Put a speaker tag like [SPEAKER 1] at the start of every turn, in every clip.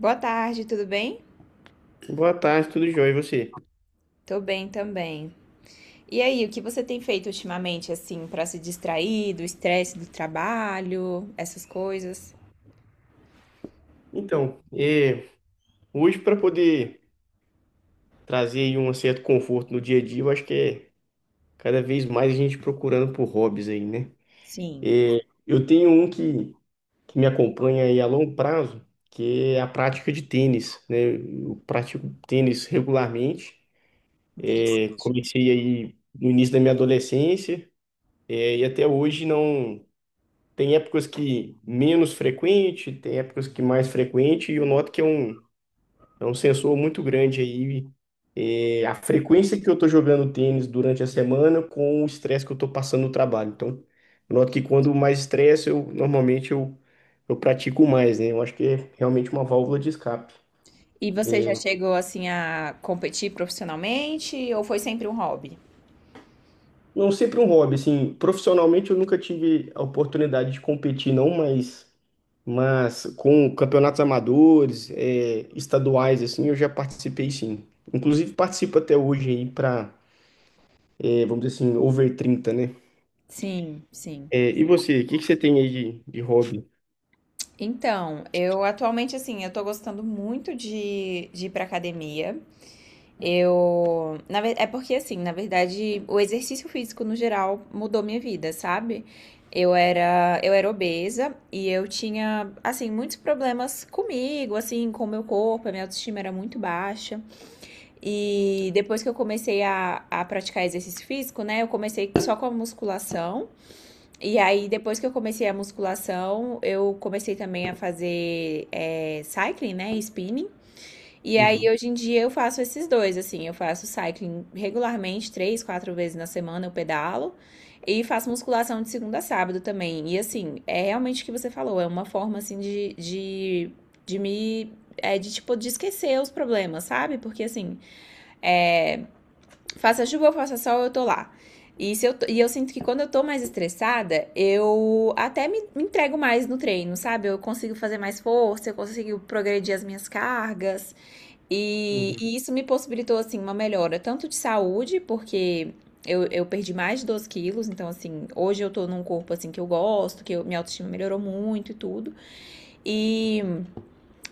[SPEAKER 1] Boa tarde, tudo bem?
[SPEAKER 2] Boa tarde, tudo jóia, e você?
[SPEAKER 1] Tô bem também. E aí, o que você tem feito ultimamente, assim, pra se distrair do estresse do trabalho, essas coisas?
[SPEAKER 2] Então, hoje para poder trazer aí um certo conforto no dia a dia, eu acho que é cada vez mais a gente procurando por hobbies aí, né?
[SPEAKER 1] Sim,
[SPEAKER 2] É, eu tenho um que me acompanha aí a longo prazo, que é a prática de tênis, né? Eu pratico tênis regularmente,
[SPEAKER 1] interessante.
[SPEAKER 2] comecei aí no início da minha adolescência. E até hoje não. Tem épocas que menos frequente, tem épocas que mais frequente, e eu noto que é um. É um sensor muito grande aí. A frequência que eu estou jogando tênis durante a semana com o estresse que eu estou passando no trabalho. Então, eu noto que quando mais estresse, eu normalmente eu pratico mais, né? Eu acho que é realmente uma válvula de escape.
[SPEAKER 1] E você já chegou, assim, a competir profissionalmente ou foi sempre um hobby?
[SPEAKER 2] Não, sempre um hobby, assim, profissionalmente eu nunca tive a oportunidade de competir, não, mas com campeonatos amadores, estaduais, assim, eu já participei sim. Inclusive participo até hoje aí para, vamos dizer assim, over 30, né?
[SPEAKER 1] Sim, sim.
[SPEAKER 2] E você, o que que você tem aí de hobby?
[SPEAKER 1] Então, eu atualmente, assim, eu tô gostando muito de ir pra academia. Eu. É porque, assim, na verdade, o exercício físico no geral mudou minha vida, sabe? Eu era obesa e eu tinha, assim, muitos problemas comigo, assim, com o meu corpo, a minha autoestima era muito baixa. E depois que eu comecei a praticar exercício físico, né, eu comecei só com a musculação. E aí, depois que eu comecei a musculação, eu comecei também a fazer cycling, né, spinning. E aí,
[SPEAKER 2] Uhum,
[SPEAKER 1] hoje em dia, eu faço esses dois, assim. Eu faço cycling regularmente, três, quatro vezes na semana eu pedalo. E faço musculação de segunda a sábado também. E, assim, é realmente o que você falou. É uma forma, assim, de me... É de, tipo, de esquecer os problemas, sabe? Porque, assim, é, faça chuva ou faça sol, eu tô lá. E, se eu, e eu sinto que quando eu tô mais estressada, eu até me entrego mais no treino, sabe? Eu consigo fazer mais força, eu consigo progredir as minhas cargas.
[SPEAKER 2] uhum.
[SPEAKER 1] E isso me possibilitou, assim, uma melhora tanto de saúde, porque eu perdi mais de 12 quilos, então, assim, hoje eu tô num corpo, assim, que eu gosto, minha autoestima melhorou muito e tudo. E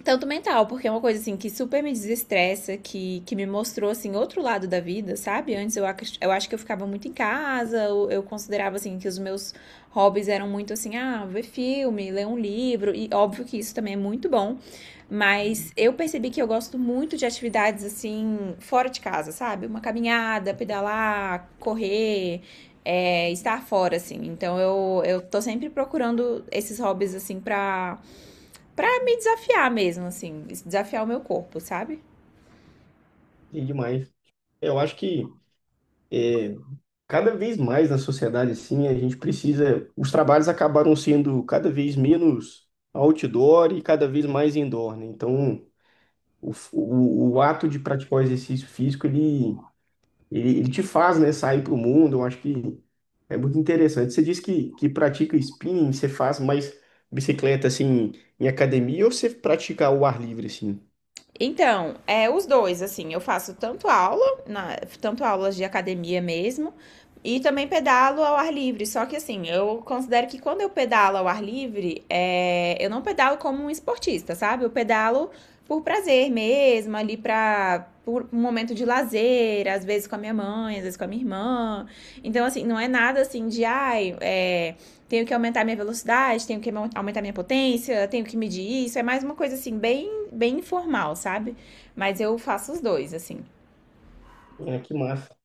[SPEAKER 1] tanto mental, porque é uma coisa assim que super me desestressa, que me mostrou assim outro lado da vida, sabe? Antes eu acho que eu ficava muito em casa, eu considerava assim que os meus hobbies eram muito assim, ah, ver filme, ler um livro, e óbvio que isso também é muito bom, mas eu percebi que eu gosto muito de atividades assim fora de casa, sabe? Uma caminhada, pedalar, correr, estar fora assim. Então eu tô sempre procurando esses hobbies assim pra pra me desafiar mesmo, assim, desafiar o meu corpo, sabe?
[SPEAKER 2] E demais. Eu acho que é, cada vez mais na sociedade, assim, a gente precisa. Os trabalhos acabaram sendo cada vez menos outdoor e cada vez mais indoor, né? Então, o ato de praticar o exercício físico, ele te faz, né, sair para o mundo. Eu acho que é muito interessante. Você disse que pratica spinning, você faz mais bicicleta, assim, em academia ou você pratica ao ar livre, assim?
[SPEAKER 1] Então, é os dois, assim, eu faço tanto aula, tanto aulas de academia mesmo, e também pedalo ao ar livre. Só que assim, eu considero que quando eu pedalo ao ar livre, eu não pedalo como um esportista, sabe? Eu pedalo por prazer mesmo, ali pra por um momento de lazer, às vezes com a minha mãe, às vezes com a minha irmã. Então, assim, não é nada assim de ai, tenho que aumentar minha velocidade, tenho que aumentar minha potência, tenho que medir isso. É mais uma coisa assim, bem informal, sabe? Mas eu faço os dois, assim.
[SPEAKER 2] Que massa.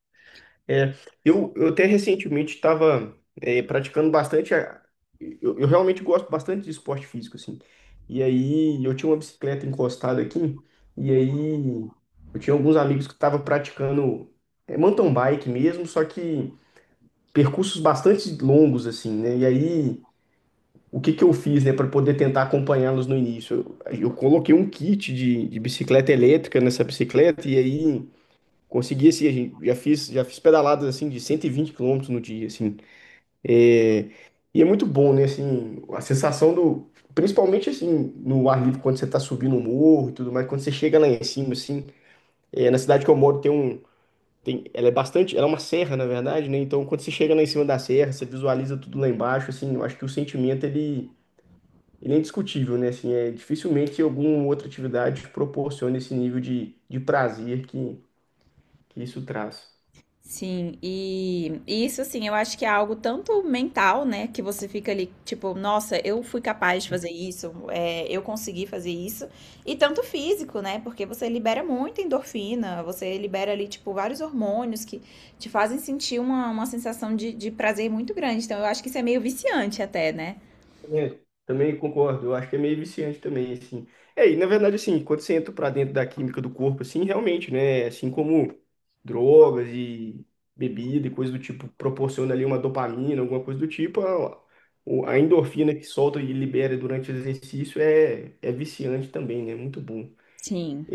[SPEAKER 2] É, eu até recentemente estava praticando bastante. Eu realmente gosto bastante de esporte físico, assim. E aí eu tinha uma bicicleta encostada aqui, e aí eu tinha alguns amigos que estavam praticando mountain bike mesmo, só que percursos bastante longos, assim, né? E aí o que que eu fiz, né, para poder tentar acompanhá-los no início? Eu coloquei um kit de bicicleta elétrica nessa bicicleta, e aí. Consegui, assim, já fiz pedaladas, assim, de 120 quilômetros no dia, assim. É, e é muito bom, né, assim, a sensação. Do... Principalmente, assim, no ar livre, quando você tá subindo um morro e tudo mais, quando você chega lá em cima, assim. Na cidade que eu moro tem um. Tem, ela é bastante. Ela é uma serra, na verdade, né? Então, quando você chega lá em cima da serra, você visualiza tudo lá embaixo, assim, eu acho que o sentimento, ele. Ele é indiscutível, né? Assim, dificilmente alguma outra atividade proporciona esse nível de prazer que isso traz.
[SPEAKER 1] Sim, e isso assim, eu acho que é algo tanto mental, né? Que você fica ali, tipo, nossa, eu fui capaz de fazer isso, eu consegui fazer isso, e tanto físico, né? Porque você libera muita endorfina, você libera ali, tipo, vários hormônios que te fazem sentir uma sensação de prazer muito grande. Então, eu acho que isso é meio viciante até, né?
[SPEAKER 2] É, Também concordo, eu acho que é meio viciante também, assim. E na verdade, assim, quando você entra pra dentro da química do corpo, assim, realmente, né, assim como drogas e bebida e coisa do tipo, proporciona ali uma dopamina, alguma coisa do tipo, a endorfina que solta e libera durante o exercício é viciante também, né, muito bom.
[SPEAKER 1] Sim.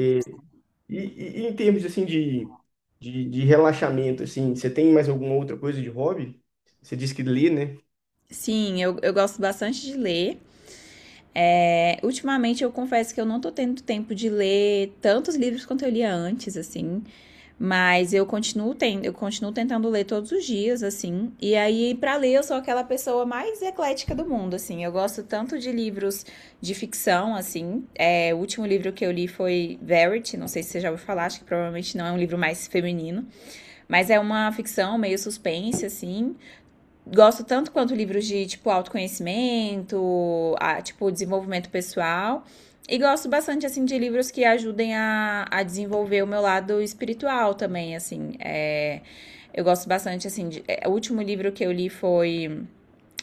[SPEAKER 2] E em termos, assim, de relaxamento, assim, você tem mais alguma outra coisa de hobby? Você disse que lê, né?
[SPEAKER 1] Sim, eu gosto bastante de ler. É, ultimamente eu confesso que eu não tô tendo tempo de ler tantos livros quanto eu lia antes, assim. Mas eu continuo tendo, eu continuo tentando ler todos os dias, assim. E aí, pra ler, eu sou aquela pessoa mais eclética do mundo, assim. Eu gosto tanto de livros de ficção, assim. É, o último livro que eu li foi Verity, não sei se você já ouviu falar, acho que provavelmente não é um livro mais feminino, mas é uma ficção meio suspense, assim. Gosto tanto quanto livros de, tipo, autoconhecimento, a, tipo, desenvolvimento pessoal. E gosto bastante, assim, de livros que ajudem a desenvolver o meu lado espiritual também, assim. É, eu gosto bastante, assim, o último livro que eu li foi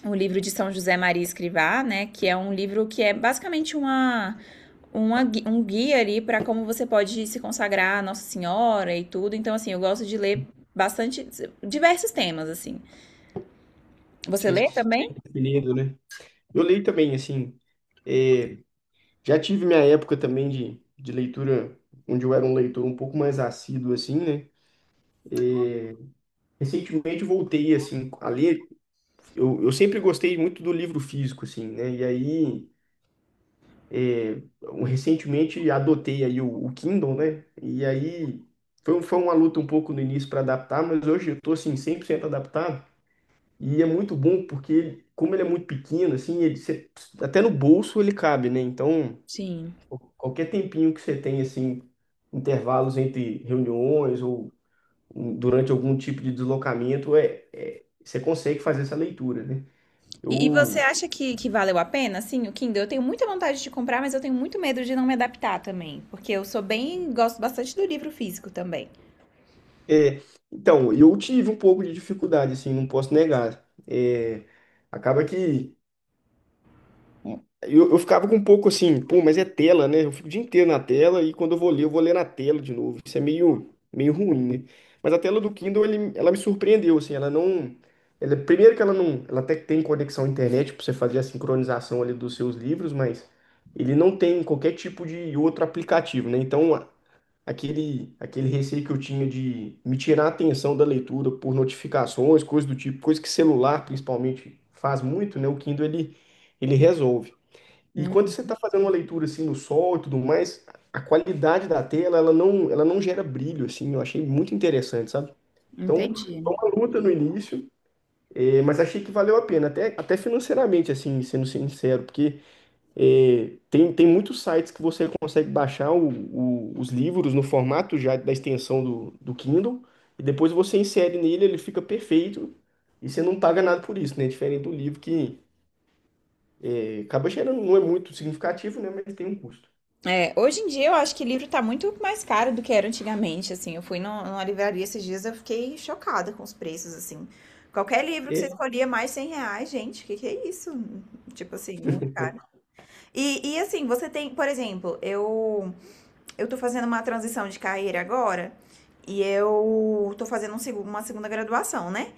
[SPEAKER 1] um livro de São José Maria Escrivá, né? Que é um livro que é basicamente uma um guia ali para como você pode se consagrar a Nossa Senhora e tudo. Então, assim, eu gosto de ler bastante, diversos temas, assim. Você
[SPEAKER 2] Sim,
[SPEAKER 1] lê também?
[SPEAKER 2] lendo, né? Eu leio também, assim. é, Já tive minha época também de leitura, onde eu era um leitor um pouco mais assíduo, assim, né? Recentemente eu voltei, assim, a ler. Eu sempre gostei muito do livro físico, assim, né? E aí, recentemente adotei aí o Kindle, né? E aí foi uma luta um pouco no início para adaptar, mas hoje eu tô, assim, 100% adaptado. E é muito bom porque, como ele é muito pequeno, assim, ele, até no bolso ele cabe, né? Então.
[SPEAKER 1] Sim.
[SPEAKER 2] Qualquer tempinho que você tem, assim, intervalos entre reuniões ou durante algum tipo de deslocamento, você consegue fazer essa leitura, né?
[SPEAKER 1] E você
[SPEAKER 2] Eu,
[SPEAKER 1] acha que valeu a pena? Sim, o Kindle. Eu tenho muita vontade de comprar, mas eu tenho muito medo de não me adaptar também. Porque eu sou bem, gosto bastante do livro físico também.
[SPEAKER 2] é, então, eu tive um pouco de dificuldade, assim, não posso negar. Acaba que eu ficava com um pouco assim, pô, mas é tela, né? Eu fico o dia inteiro na tela e quando eu vou ler na tela de novo. Isso é meio, meio ruim, né? Mas a tela do Kindle, ela me surpreendeu, assim, ela não. Ela, primeiro que ela não. Ela até que tem conexão à internet para você fazer a sincronização ali dos seus livros, mas ele não tem qualquer tipo de outro aplicativo, né? Então, aquele receio que eu tinha de me tirar a atenção da leitura por notificações, coisas do tipo, coisa que celular, principalmente, faz muito, né? O Kindle, ele resolve. E quando
[SPEAKER 1] Hum,
[SPEAKER 2] você está fazendo uma leitura assim no sol e tudo mais, a qualidade da tela, ela não gera brilho, assim, eu achei muito interessante, sabe? Então,
[SPEAKER 1] entendi.
[SPEAKER 2] uma luta no início, mas achei que valeu a pena, até financeiramente, assim, sendo sincero, porque tem muitos sites que você consegue baixar os livros no formato já da extensão do Kindle, e depois você insere nele, ele fica perfeito, e você não paga nada por isso, né? Diferente do livro que acaba gerando, não é muito significativo, né? Mas tem um custo.
[SPEAKER 1] É, hoje em dia eu acho que livro tá muito mais caro do que era antigamente, assim. Eu fui no- Numa livraria esses dias, eu fiquei chocada com os preços, assim. Qualquer livro que você
[SPEAKER 2] É.
[SPEAKER 1] escolhia mais 100 reais, gente, o que que é isso? Tipo assim, muito caro. E assim, você tem, por exemplo, eu tô fazendo uma transição de carreira agora e eu tô fazendo uma segunda graduação, né?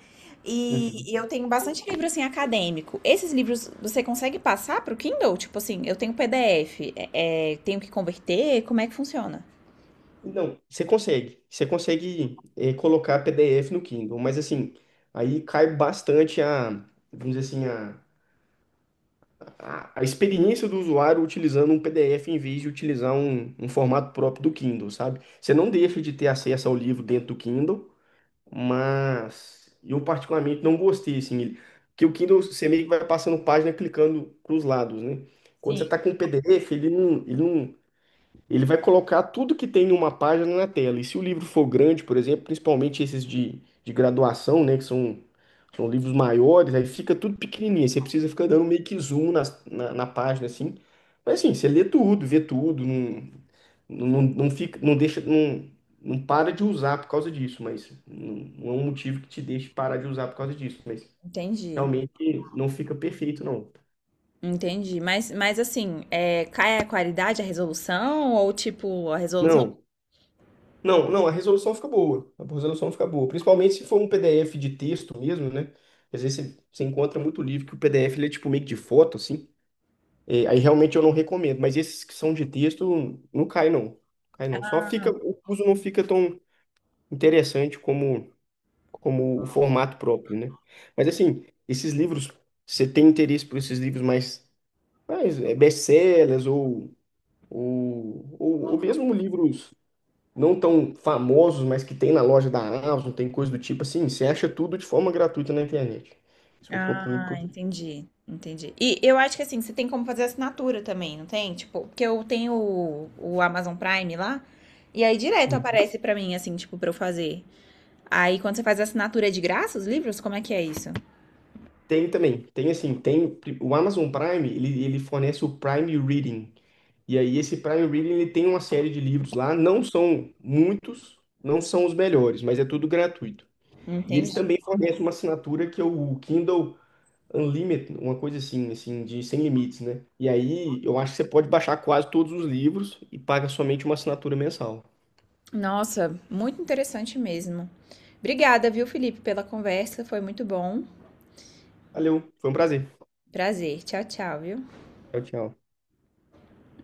[SPEAKER 2] Uhum.
[SPEAKER 1] E eu tenho bastante livro assim acadêmico. Esses livros você consegue passar pro Kindle? Tipo assim, eu tenho PDF, tenho que converter, como é que funciona?
[SPEAKER 2] Não, você consegue. Você consegue colocar PDF no Kindle, mas assim, aí cai bastante vamos dizer assim, a experiência do usuário utilizando um PDF em vez de utilizar um formato próprio do Kindle, sabe? Você não deixa de ter acesso ao livro dentro do Kindle, mas eu particularmente não gostei, assim, porque o Kindle você meio que vai passando página clicando para os lados, né? Quando você está
[SPEAKER 1] Sim,
[SPEAKER 2] com o PDF, ele não. Ele vai colocar tudo que tem em uma página na tela. E se o livro for grande, por exemplo, principalmente esses de graduação, né, que são livros maiores, aí fica tudo pequenininho. Você precisa ficar dando meio que zoom página, assim. Mas assim, você lê tudo, vê tudo, não fica, não deixa, não para de usar por causa disso, mas não é um motivo que te deixe parar de usar por causa disso, mas
[SPEAKER 1] entendi.
[SPEAKER 2] realmente não fica perfeito, não.
[SPEAKER 1] Entendi. Mas assim, cai a qualidade, a resolução? Ou tipo, a resolução.
[SPEAKER 2] Não. Não, a resolução fica boa. A resolução fica boa. Principalmente se for um PDF de texto mesmo, né? Às vezes você, você encontra muito livro que o PDF ele é tipo meio que de foto, assim. É, aí realmente eu não recomendo. Mas esses que são de texto, não cai, não. Cai, não. Só fica, o uso não fica tão interessante como, como o formato próprio, né? Mas assim, esses livros, você tem interesse por esses livros mais, mais best-sellers ou, ou mesmo livros não tão famosos, mas que tem na loja da Amazon, tem coisa do tipo assim, você acha tudo de forma gratuita na internet. Isso é um ponto muito
[SPEAKER 1] Ah,
[SPEAKER 2] positivo.
[SPEAKER 1] entendi, entendi. E eu acho que assim, você tem como fazer assinatura também, não tem? Tipo, porque eu tenho o Amazon Prime lá, e aí direto
[SPEAKER 2] Hum.
[SPEAKER 1] aparece pra mim, assim, tipo, pra eu fazer. Aí quando você faz a assinatura é de graça os livros? Como é que é isso?
[SPEAKER 2] Tem também, tem assim, tem o Amazon Prime, ele fornece o Prime Reading. E aí esse Prime Reading, ele tem uma série de livros lá, não são muitos, não são os melhores, mas é tudo gratuito. E eles
[SPEAKER 1] Entendi.
[SPEAKER 2] também fornecem uma assinatura que é o Kindle Unlimited, uma coisa assim, assim, de sem limites, né? E aí eu acho que você pode baixar quase todos os livros e paga somente uma assinatura mensal.
[SPEAKER 1] Nossa, muito interessante mesmo. Obrigada, viu, Felipe, pela conversa, foi muito bom.
[SPEAKER 2] Valeu, foi um prazer.
[SPEAKER 1] Prazer. Tchau, tchau, viu?
[SPEAKER 2] Tchau, tchau.